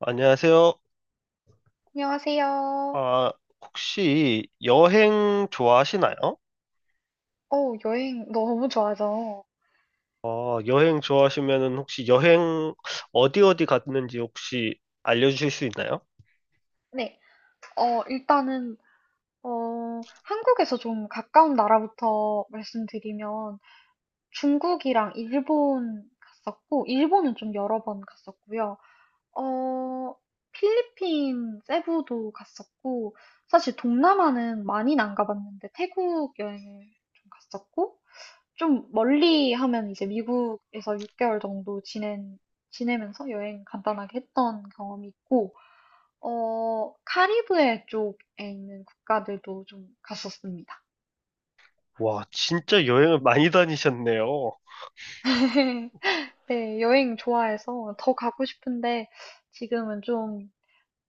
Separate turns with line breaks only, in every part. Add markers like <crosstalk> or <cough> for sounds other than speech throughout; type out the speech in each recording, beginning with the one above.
안녕하세요.
안녕하세요.
아, 혹시 여행 좋아하시나요?
여행 너무 좋아하죠.
여행 좋아하시면은 혹시 여행 어디 갔는지 혹시 알려주실 수 있나요?
네, 일단은, 한국에서 좀 가까운 나라부터 말씀드리면 중국이랑 일본 갔었고, 일본은 좀 여러 번 갔었고요. 어, 필리핀 세부도 갔었고, 사실 동남아는 많이는 안 가봤는데, 태국 여행을 좀 갔었고, 좀 멀리 하면 이제 미국에서 6개월 정도 지낸, 지내면서 여행 간단하게 했던 경험이 있고, 카리브해 쪽에 있는 국가들도 좀 갔었습니다.
와, 진짜 여행을 많이 다니셨네요.
<laughs> 네, 여행 좋아해서 더 가고 싶은데, 지금은 좀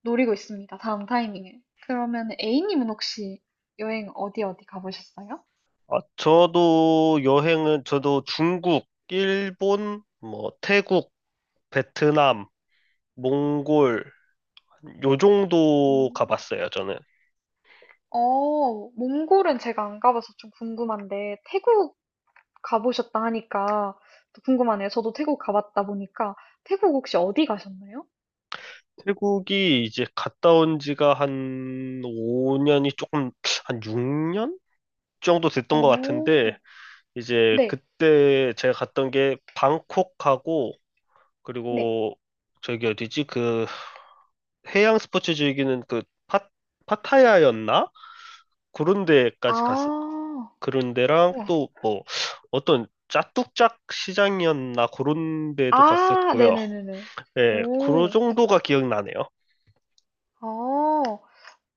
노리고 있습니다. 다음 타이밍에 그러면 A님은 혹시 여행 어디 어디 가보셨어요?
아, 저도 여행은 저도 중국, 일본, 뭐 태국, 베트남, 몽골 요 정도
음.
가봤어요, 저는.
몽골은 제가 안 가봐서 좀 궁금한데, 태국 가보셨다 하니까 또 궁금하네요. 저도 태국 가봤다 보니까, 태국 혹시 어디 가셨나요?
태국이 이제 갔다 온 지가 한 5년이 조금 한 6년? 정도 됐던 것 같은데
오,
이제
네,
그때 제가 갔던 게 방콕하고
네.
그리고 저기 어디지 그 해양 스포츠 즐기는 그 파, 파타야였나? 그런 데까지 갔어.
아,
그런 데랑
우와.
또 뭐 어떤 짜뚝짝 시장이었나 그런 데도
아,
갔었고요.
네네네네.
예, 그
오,
정도가 기억나네요.
아.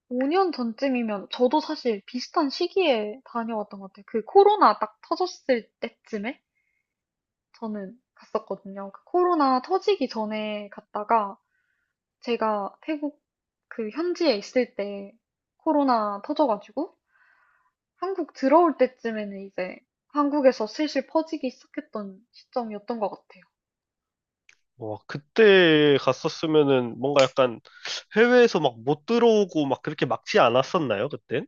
5년 전쯤이면 저도 사실 비슷한 시기에 다녀왔던 것 같아요. 그 코로나 딱 터졌을 때쯤에 저는 갔었거든요. 그 코로나 터지기 전에 갔다가 제가 태국 그 현지에 있을 때 코로나 터져가지고 한국 들어올 때쯤에는 이제 한국에서 슬슬 퍼지기 시작했던 시점이었던 것 같아요.
와, 그때 갔었으면은 뭔가 약간 해외에서 막 못 들어오고 막 그렇게 막지 않았었나요, 그때?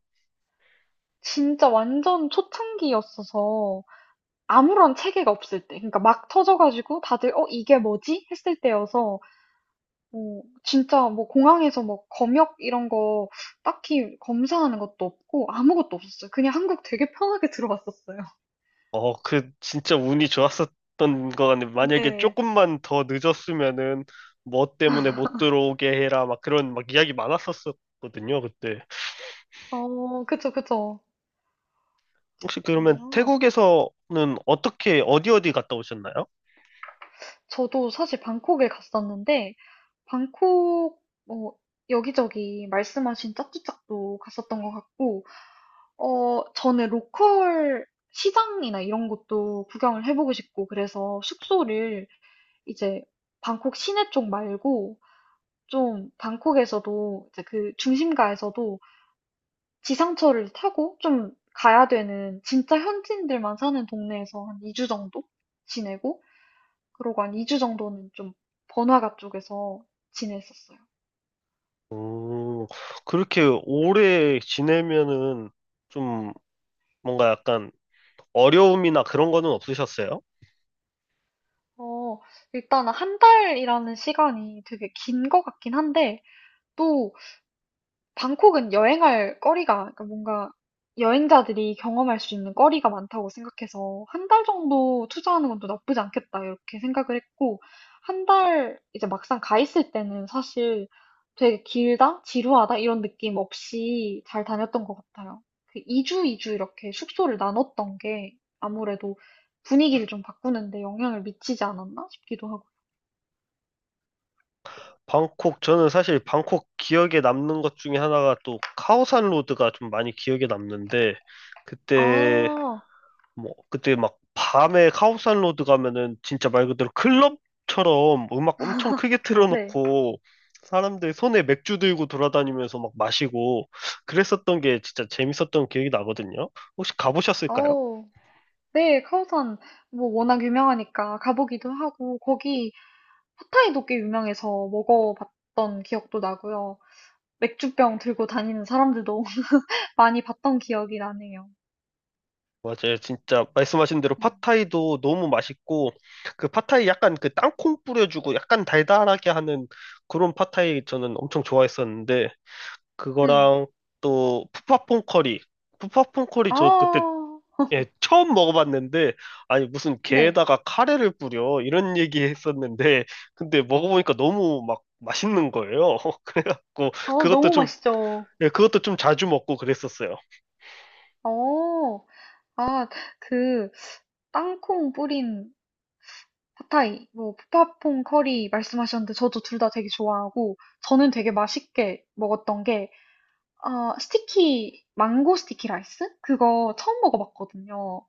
진짜 완전 초창기였어서 아무런 체계가 없을 때, 그러니까 막 터져가지고 다들 어, 이게 뭐지? 했을 때여서 진짜 뭐 공항에서 뭐 검역 이런 거 딱히 검사하는 것도 없고 아무것도 없었어요. 그냥 한국 되게 편하게 <laughs> 들어왔었어요.
어, 그 진짜 운이 좋았었던 거 같네. 만약에
네.
조금만 더 늦었으면은 뭐 때문에 못 들어오게 해라 막 그런 막 이야기 많았었거든요, 그때.
그쵸, 그쵸.
혹시 그러면
아,
태국에서는 어떻게 어디 갔다 오셨나요?
저도 사실 방콕에 갔었는데, 방콕, 뭐, 여기저기 말씀하신 짜뚜짝도 갔었던 것 같고, 저는 로컬 시장이나 이런 것도 구경을 해보고 싶고, 그래서 숙소를 이제 방콕 시내 쪽 말고, 좀 방콕에서도 이제 그 중심가에서도 지상철을 타고 좀 가야 되는 진짜 현지인들만 사는 동네에서 한 2주 정도 지내고 그러고 한 2주 정도는 좀 번화가 쪽에서 지냈었어요.
오, 그렇게 오래 지내면은 좀 뭔가 약간 어려움이나 그런 거는 없으셨어요?
어, 일단 한 달이라는 시간이 되게 긴 것 같긴 한데 또 방콕은 여행할 거리가 그러니까 뭔가 여행자들이 경험할 수 있는 거리가 많다고 생각해서 '한 달 정도 투자하는 건 또 나쁘지 않겠다.' 이렇게 생각을 했고 한 달 이제 막상 가 있을 때는 사실 되게 '길다. 지루하다.' 이런 느낌 없이 잘 다녔던 것 같아요. 그 이주 이렇게 숙소를 나눴던 게 아무래도 분위기를 좀 바꾸는 데 영향을 미치지 않았나 싶기도 하고.
방콕, 저는 사실 방콕 기억에 남는 것 중에 하나가 또 카오산 로드가 좀 많이 기억에 남는데, 그때
아,
그때 막 밤에 카오산 로드 가면은 진짜 말 그대로 클럽처럼 음악 엄청 크게
네.
틀어놓고 사람들 손에 맥주 들고 돌아다니면서 막 마시고 그랬었던 게 진짜 재밌었던 기억이 나거든요. 혹시 가보셨을까요?
어. 네, 카오산 뭐 워낙 유명하니까 가보기도 하고 거기 팟타이도 꽤 유명해서 먹어봤던 기억도 나고요. 맥주병 들고 다니는 사람들도 <laughs> 많이 봤던 기억이 나네요.
맞아요. 진짜 말씀하신 대로
네.
팟타이도 너무 맛있고 그 팟타이 약간 그 땅콩 뿌려주고 약간 달달하게 하는 그런 팟타이 저는 엄청 좋아했었는데
네.
그거랑 또 푸팟퐁 커리 저 그때
아,
예, 처음 먹어봤는데, 아니, 무슨
네.
게에다가 카레를 뿌려, 이런 <laughs> 얘기 했었는데, 근데 먹어보니까 너무 막 맛있는 거예요. <laughs> 그래갖고, 그것도
너무
좀,
맛있죠.
예, 그것도 좀 자주 먹고 그랬었어요.
어, 아, 그 땅콩 뿌린 팟타이, 뭐 푸팟퐁 커리 말씀하셨는데 저도 둘 다 되게 좋아하고 저는 되게 맛있게 먹었던 게 스티키 망고 스티키 라이스? 그거 처음 먹어봤거든요.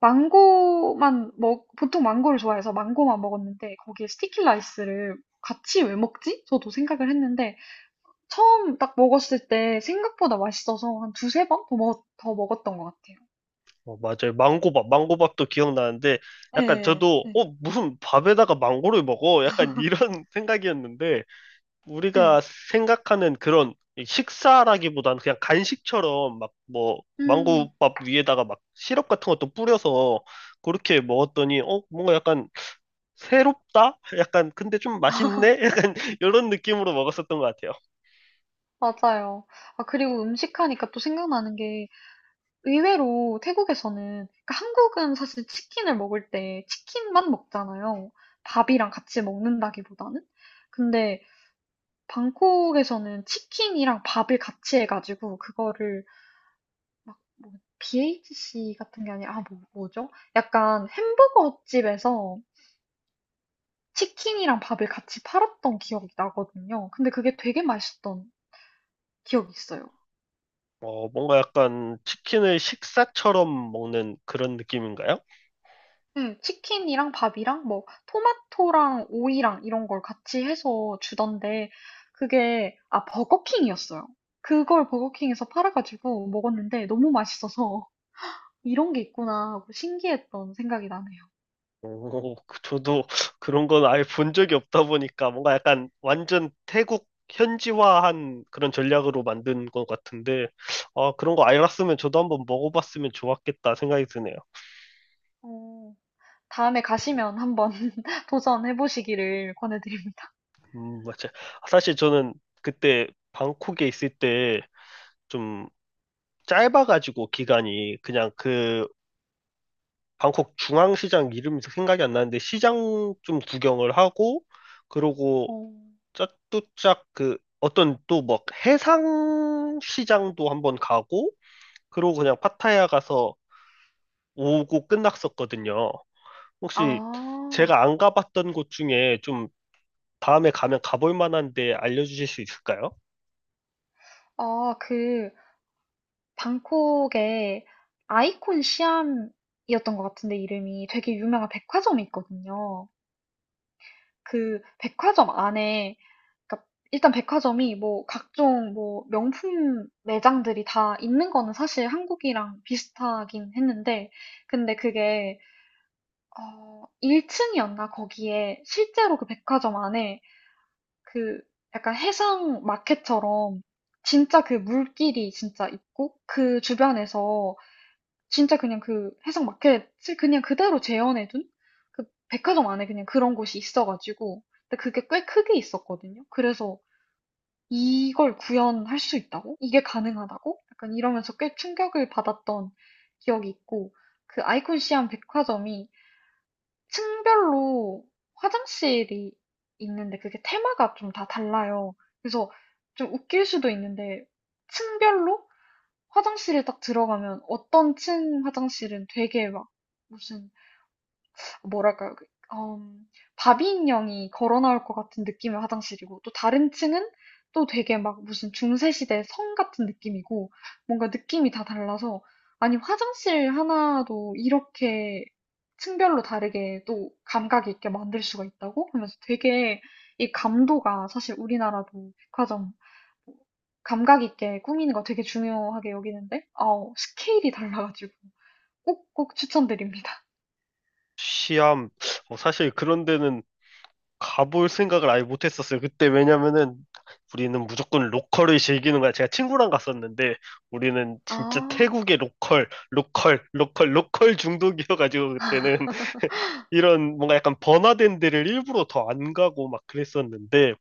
망고만 먹 보통 망고를 좋아해서 망고만 먹었는데 거기에 스티키 라이스를 같이 왜 먹지? 저도 생각을 했는데 처음 딱 먹었을 때 생각보다 맛있어서 한 두세 번 더 먹었던 것 같아요.
어, 맞아요. 망고밥도 기억나는데, 약간
네,
저도,
네,
어, 무슨 밥에다가 망고를 먹어? 약간 이런
<laughs>
<laughs> 생각이었는데, 우리가
네.
생각하는 그런 식사라기보단 그냥 간식처럼 막 뭐
음,
망고밥 위에다가 막 시럽 같은 것도 뿌려서 그렇게 먹었더니 어 뭔가 약간 새롭다? 약간 근데 좀 맛있네? 약간 <laughs> 이런 느낌으로 먹었었던 것 같아요.
맞아요. 아, 그리고 음식 하니까 또 생각나는 게 의외로 태국에서는, 그러니까 한국은 사실 치킨을 먹을 때 치킨만 먹잖아요. 밥이랑 같이 먹는다기보다는. 근데 방콕에서는 치킨이랑 밥을 같이 해가지고 그거를 막 뭐 BHC 같은 게 아니라 뭐죠? 약간 햄버거 집에서 치킨이랑 밥을 같이 팔았던 기억이 나거든요. 근데 그게 되게 맛있던 기억이 있어요.
어 뭔가 약간 치킨을 식사처럼 먹는 그런 느낌인가요?
음. 치킨이랑 밥이랑 뭐 토마토랑 오이랑 이런 걸 같이 해서 주던데 그게 버거킹이었어요. 그걸 버거킹에서 팔아가지고 먹었는데 너무 맛있어서 <laughs> 이런 게 있구나 하고 신기했던 생각이 나네요.
오, 저도 그런 건 아예 본 적이 없다 보니까 뭔가 약간 완전 태국 현지화한 그런 전략으로 만든 것 같은데, 아, 그런 거 알았으면 저도 한번 먹어봤으면 좋았겠다 생각이 드네요.
어, 다음에 가시면 한번 <laughs> 도전해 보시기를 권해드립니다.
맞아. 사실 저는 그때 방콕에 있을 때 좀 짧아가지고 기간이 그냥 그 방콕 중앙시장 이름이 생각이 안 나는데 시장 좀 구경을 하고, 그러고
어.
짝두짝 그 어떤 또 뭐 해상 시장도 한번 가고 그러고 그냥 파타야 가서 오고 끝났었거든요. 혹시
아,
제가 안 가봤던 곳 중에 좀 다음에 가면 가볼 만한 데 알려주실 수 있을까요?
아, 그 방콕에 아이콘 시암이었던 것 같은데 이름이 되게 유명한 백화점이 있거든요. 그 백화점 안에, 그러니까 일단 백화점이 뭐 각종 뭐 명품 매장들이 다 있는 거는 사실 한국이랑 비슷하긴 했는데, 근데 그게 1층이었나 거기에 실제로 그 백화점 안에 그 약간 해상 마켓처럼 진짜 그 물길이 진짜 있고 그 주변에서 진짜 그냥 그 해석 마켓을 그냥 그대로 재현해 둔, 그 백화점 안에 그냥 그런 곳이 있어 가지고, 근데 그게 꽤 크게 있었거든요. 그래서 '이걸 구현할 수 있다고? 이게 가능하다고?' 약간 이러면서 꽤 충격을 받았던 기억이 있고, 그 아이콘 시암 백화점이 층별로 화장실이 있는데 그게 테마가 좀 다 달라요. 그래서 좀 웃길 수도 있는데 층별로 화장실에 딱 들어가면 어떤 층 화장실은 되게 막 무슨, 뭐랄까요? 그 음 바비인형이 걸어 나올 것 같은 느낌의 화장실이고 또 다른 층은 또 되게 막 무슨 중세 시대 성 같은 느낌이고, 뭔가 느낌이 다 달라서 아니 화장실 하나도 이렇게 층별로 다르게 또 감각 있게 만들 수가 있다고 하면서, 되게 이 감도가, 사실 우리나라도 백화점 뭐 감각 있게 꾸미는 거 되게 중요하게 여기는데 스케일이 달라가지고 꼭꼭 추천드립니다.
시암 어, 사실 그런 데는 가볼 생각을 아예 못했었어요. 그때 왜냐면은 우리는 무조건 로컬을 즐기는 거야. 제가 친구랑 갔었는데 우리는 진짜
아,
태국의 로컬, 로컬, 로컬, 로컬 중독이어가지고 그때는 <laughs> 이런 뭔가 약간 번화된 데를 일부러 더 안 가고 막 그랬었는데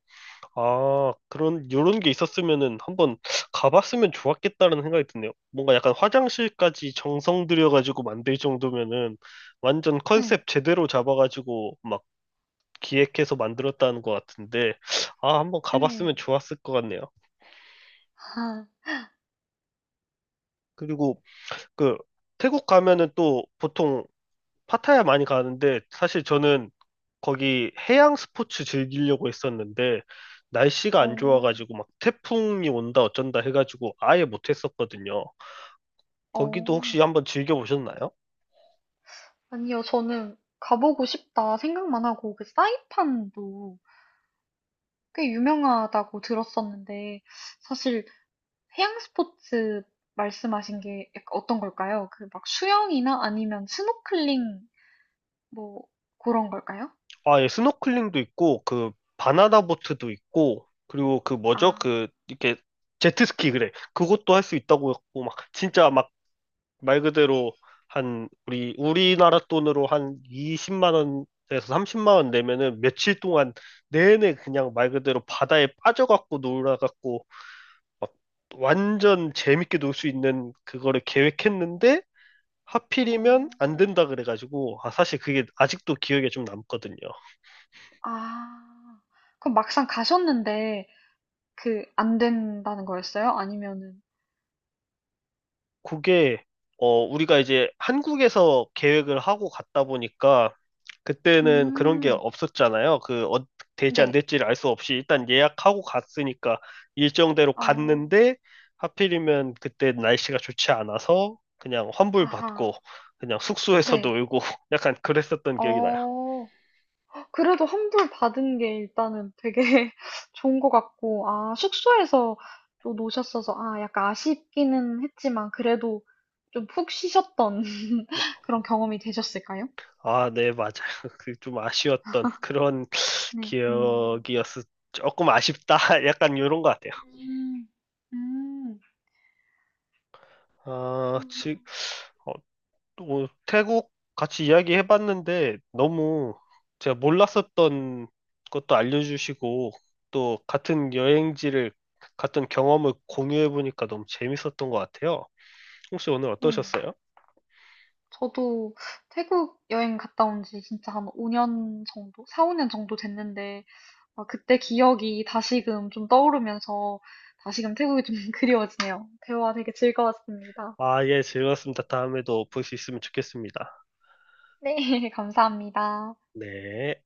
아 그런 이런 게 있었으면은 한번 가봤으면 좋았겠다는 생각이 드네요. 뭔가 약간 화장실까지 정성 들여가지고 만들 정도면은 완전
네.
컨셉 제대로 잡아가지고 막 기획해서 만들었다는 것 같은데, 아, 한번
네.
가봤으면 좋았을 것 같네요.
아,
그리고 그 태국 가면은 또 보통 파타야 많이 가는데, 사실 저는 거기 해양 스포츠 즐기려고 했었는데, 날씨가 안
어.
좋아가지고 막 태풍이 온다 어쩐다 해가지고 아예 못했었거든요.
어.
거기도 혹시 한번 즐겨보셨나요?
아니요. 저는 가보고 싶다 생각만 하고, 그 사이판도 꽤 유명하다고 들었었는데, 사실 해양 스포츠 말씀하신 게 약간 어떤 걸까요? 그 막 수영이나 아니면 스노클링 뭐 그런 걸까요?
아, 예, 스노클링도 있고, 그, 바나나 보트도 있고, 그리고 그
아.
뭐죠? 그, 이렇게, 제트스키, 그래. 그것도 할 수 있다고 했고, 막, 진짜 막, 말 그대로, 한, 우리나라 돈으로 한 20만 원에서 30만 원 내면은 며칠 동안 내내 그냥 말 그대로 바다에 빠져갖고 놀아갖고, 완전 재밌게 놀 수 있는 그거를 계획했는데,
어.
하필이면 안 된다 그래가지고, 아, 사실 그게 아직도 기억에 좀 남거든요.
아. 그럼 막상 가셨는데 그 안 된다는 거였어요? 아니면은?
그게 어 우리가 이제 한국에서 계획을 하고 갔다 보니까 그때는 그런 게
음.
없었잖아요. 그 어, 될지 안
네.
될지를 알 수 없이 일단 예약하고 갔으니까 일정대로
어.
갔는데 하필이면 그때 날씨가 좋지 않아서 그냥 환불
아하.
받고 그냥 숙소에서
네.
놀고 <laughs> 약간 그랬었던 기억이 나요.
어. 그래도 환불 받은 게 일단은 되게 <laughs> 좋은 것 같고 아 숙소에서 또 노셨어서 아 약간 아쉽기는 했지만 그래도 좀 푹 쉬셨던 <laughs> 그런 경험이 되셨을까요?
아, 네, 맞아요. <laughs> 그 좀 아쉬웠던 그런 <sniffs>
네. 음.
기억이었어. 조금 아쉽다. <laughs> 약간 이런 것 같아요.
음. 음.
아,
그
지, 어, 또 태국 같이 이야기해봤는데 너무 제가 몰랐었던 것도 알려주시고 또 같은 여행지를 갔던 경험을 공유해보니까 너무 재밌었던 것 같아요. 혹시 오늘
네.
어떠셨어요?
저도 태국 여행 갔다 온지 진짜 한 5년 정도? 4-5년 정도 됐는데 아, 그때 기억이 다시금 좀 떠오르면서 다시금 태국이 좀 <laughs> 그리워지네요. 대화 되게 즐거웠습니다.
아, 예, 즐거웠습니다. 다음에도 볼 수 있으면 좋겠습니다.
네, <laughs> 감사합니다.
네.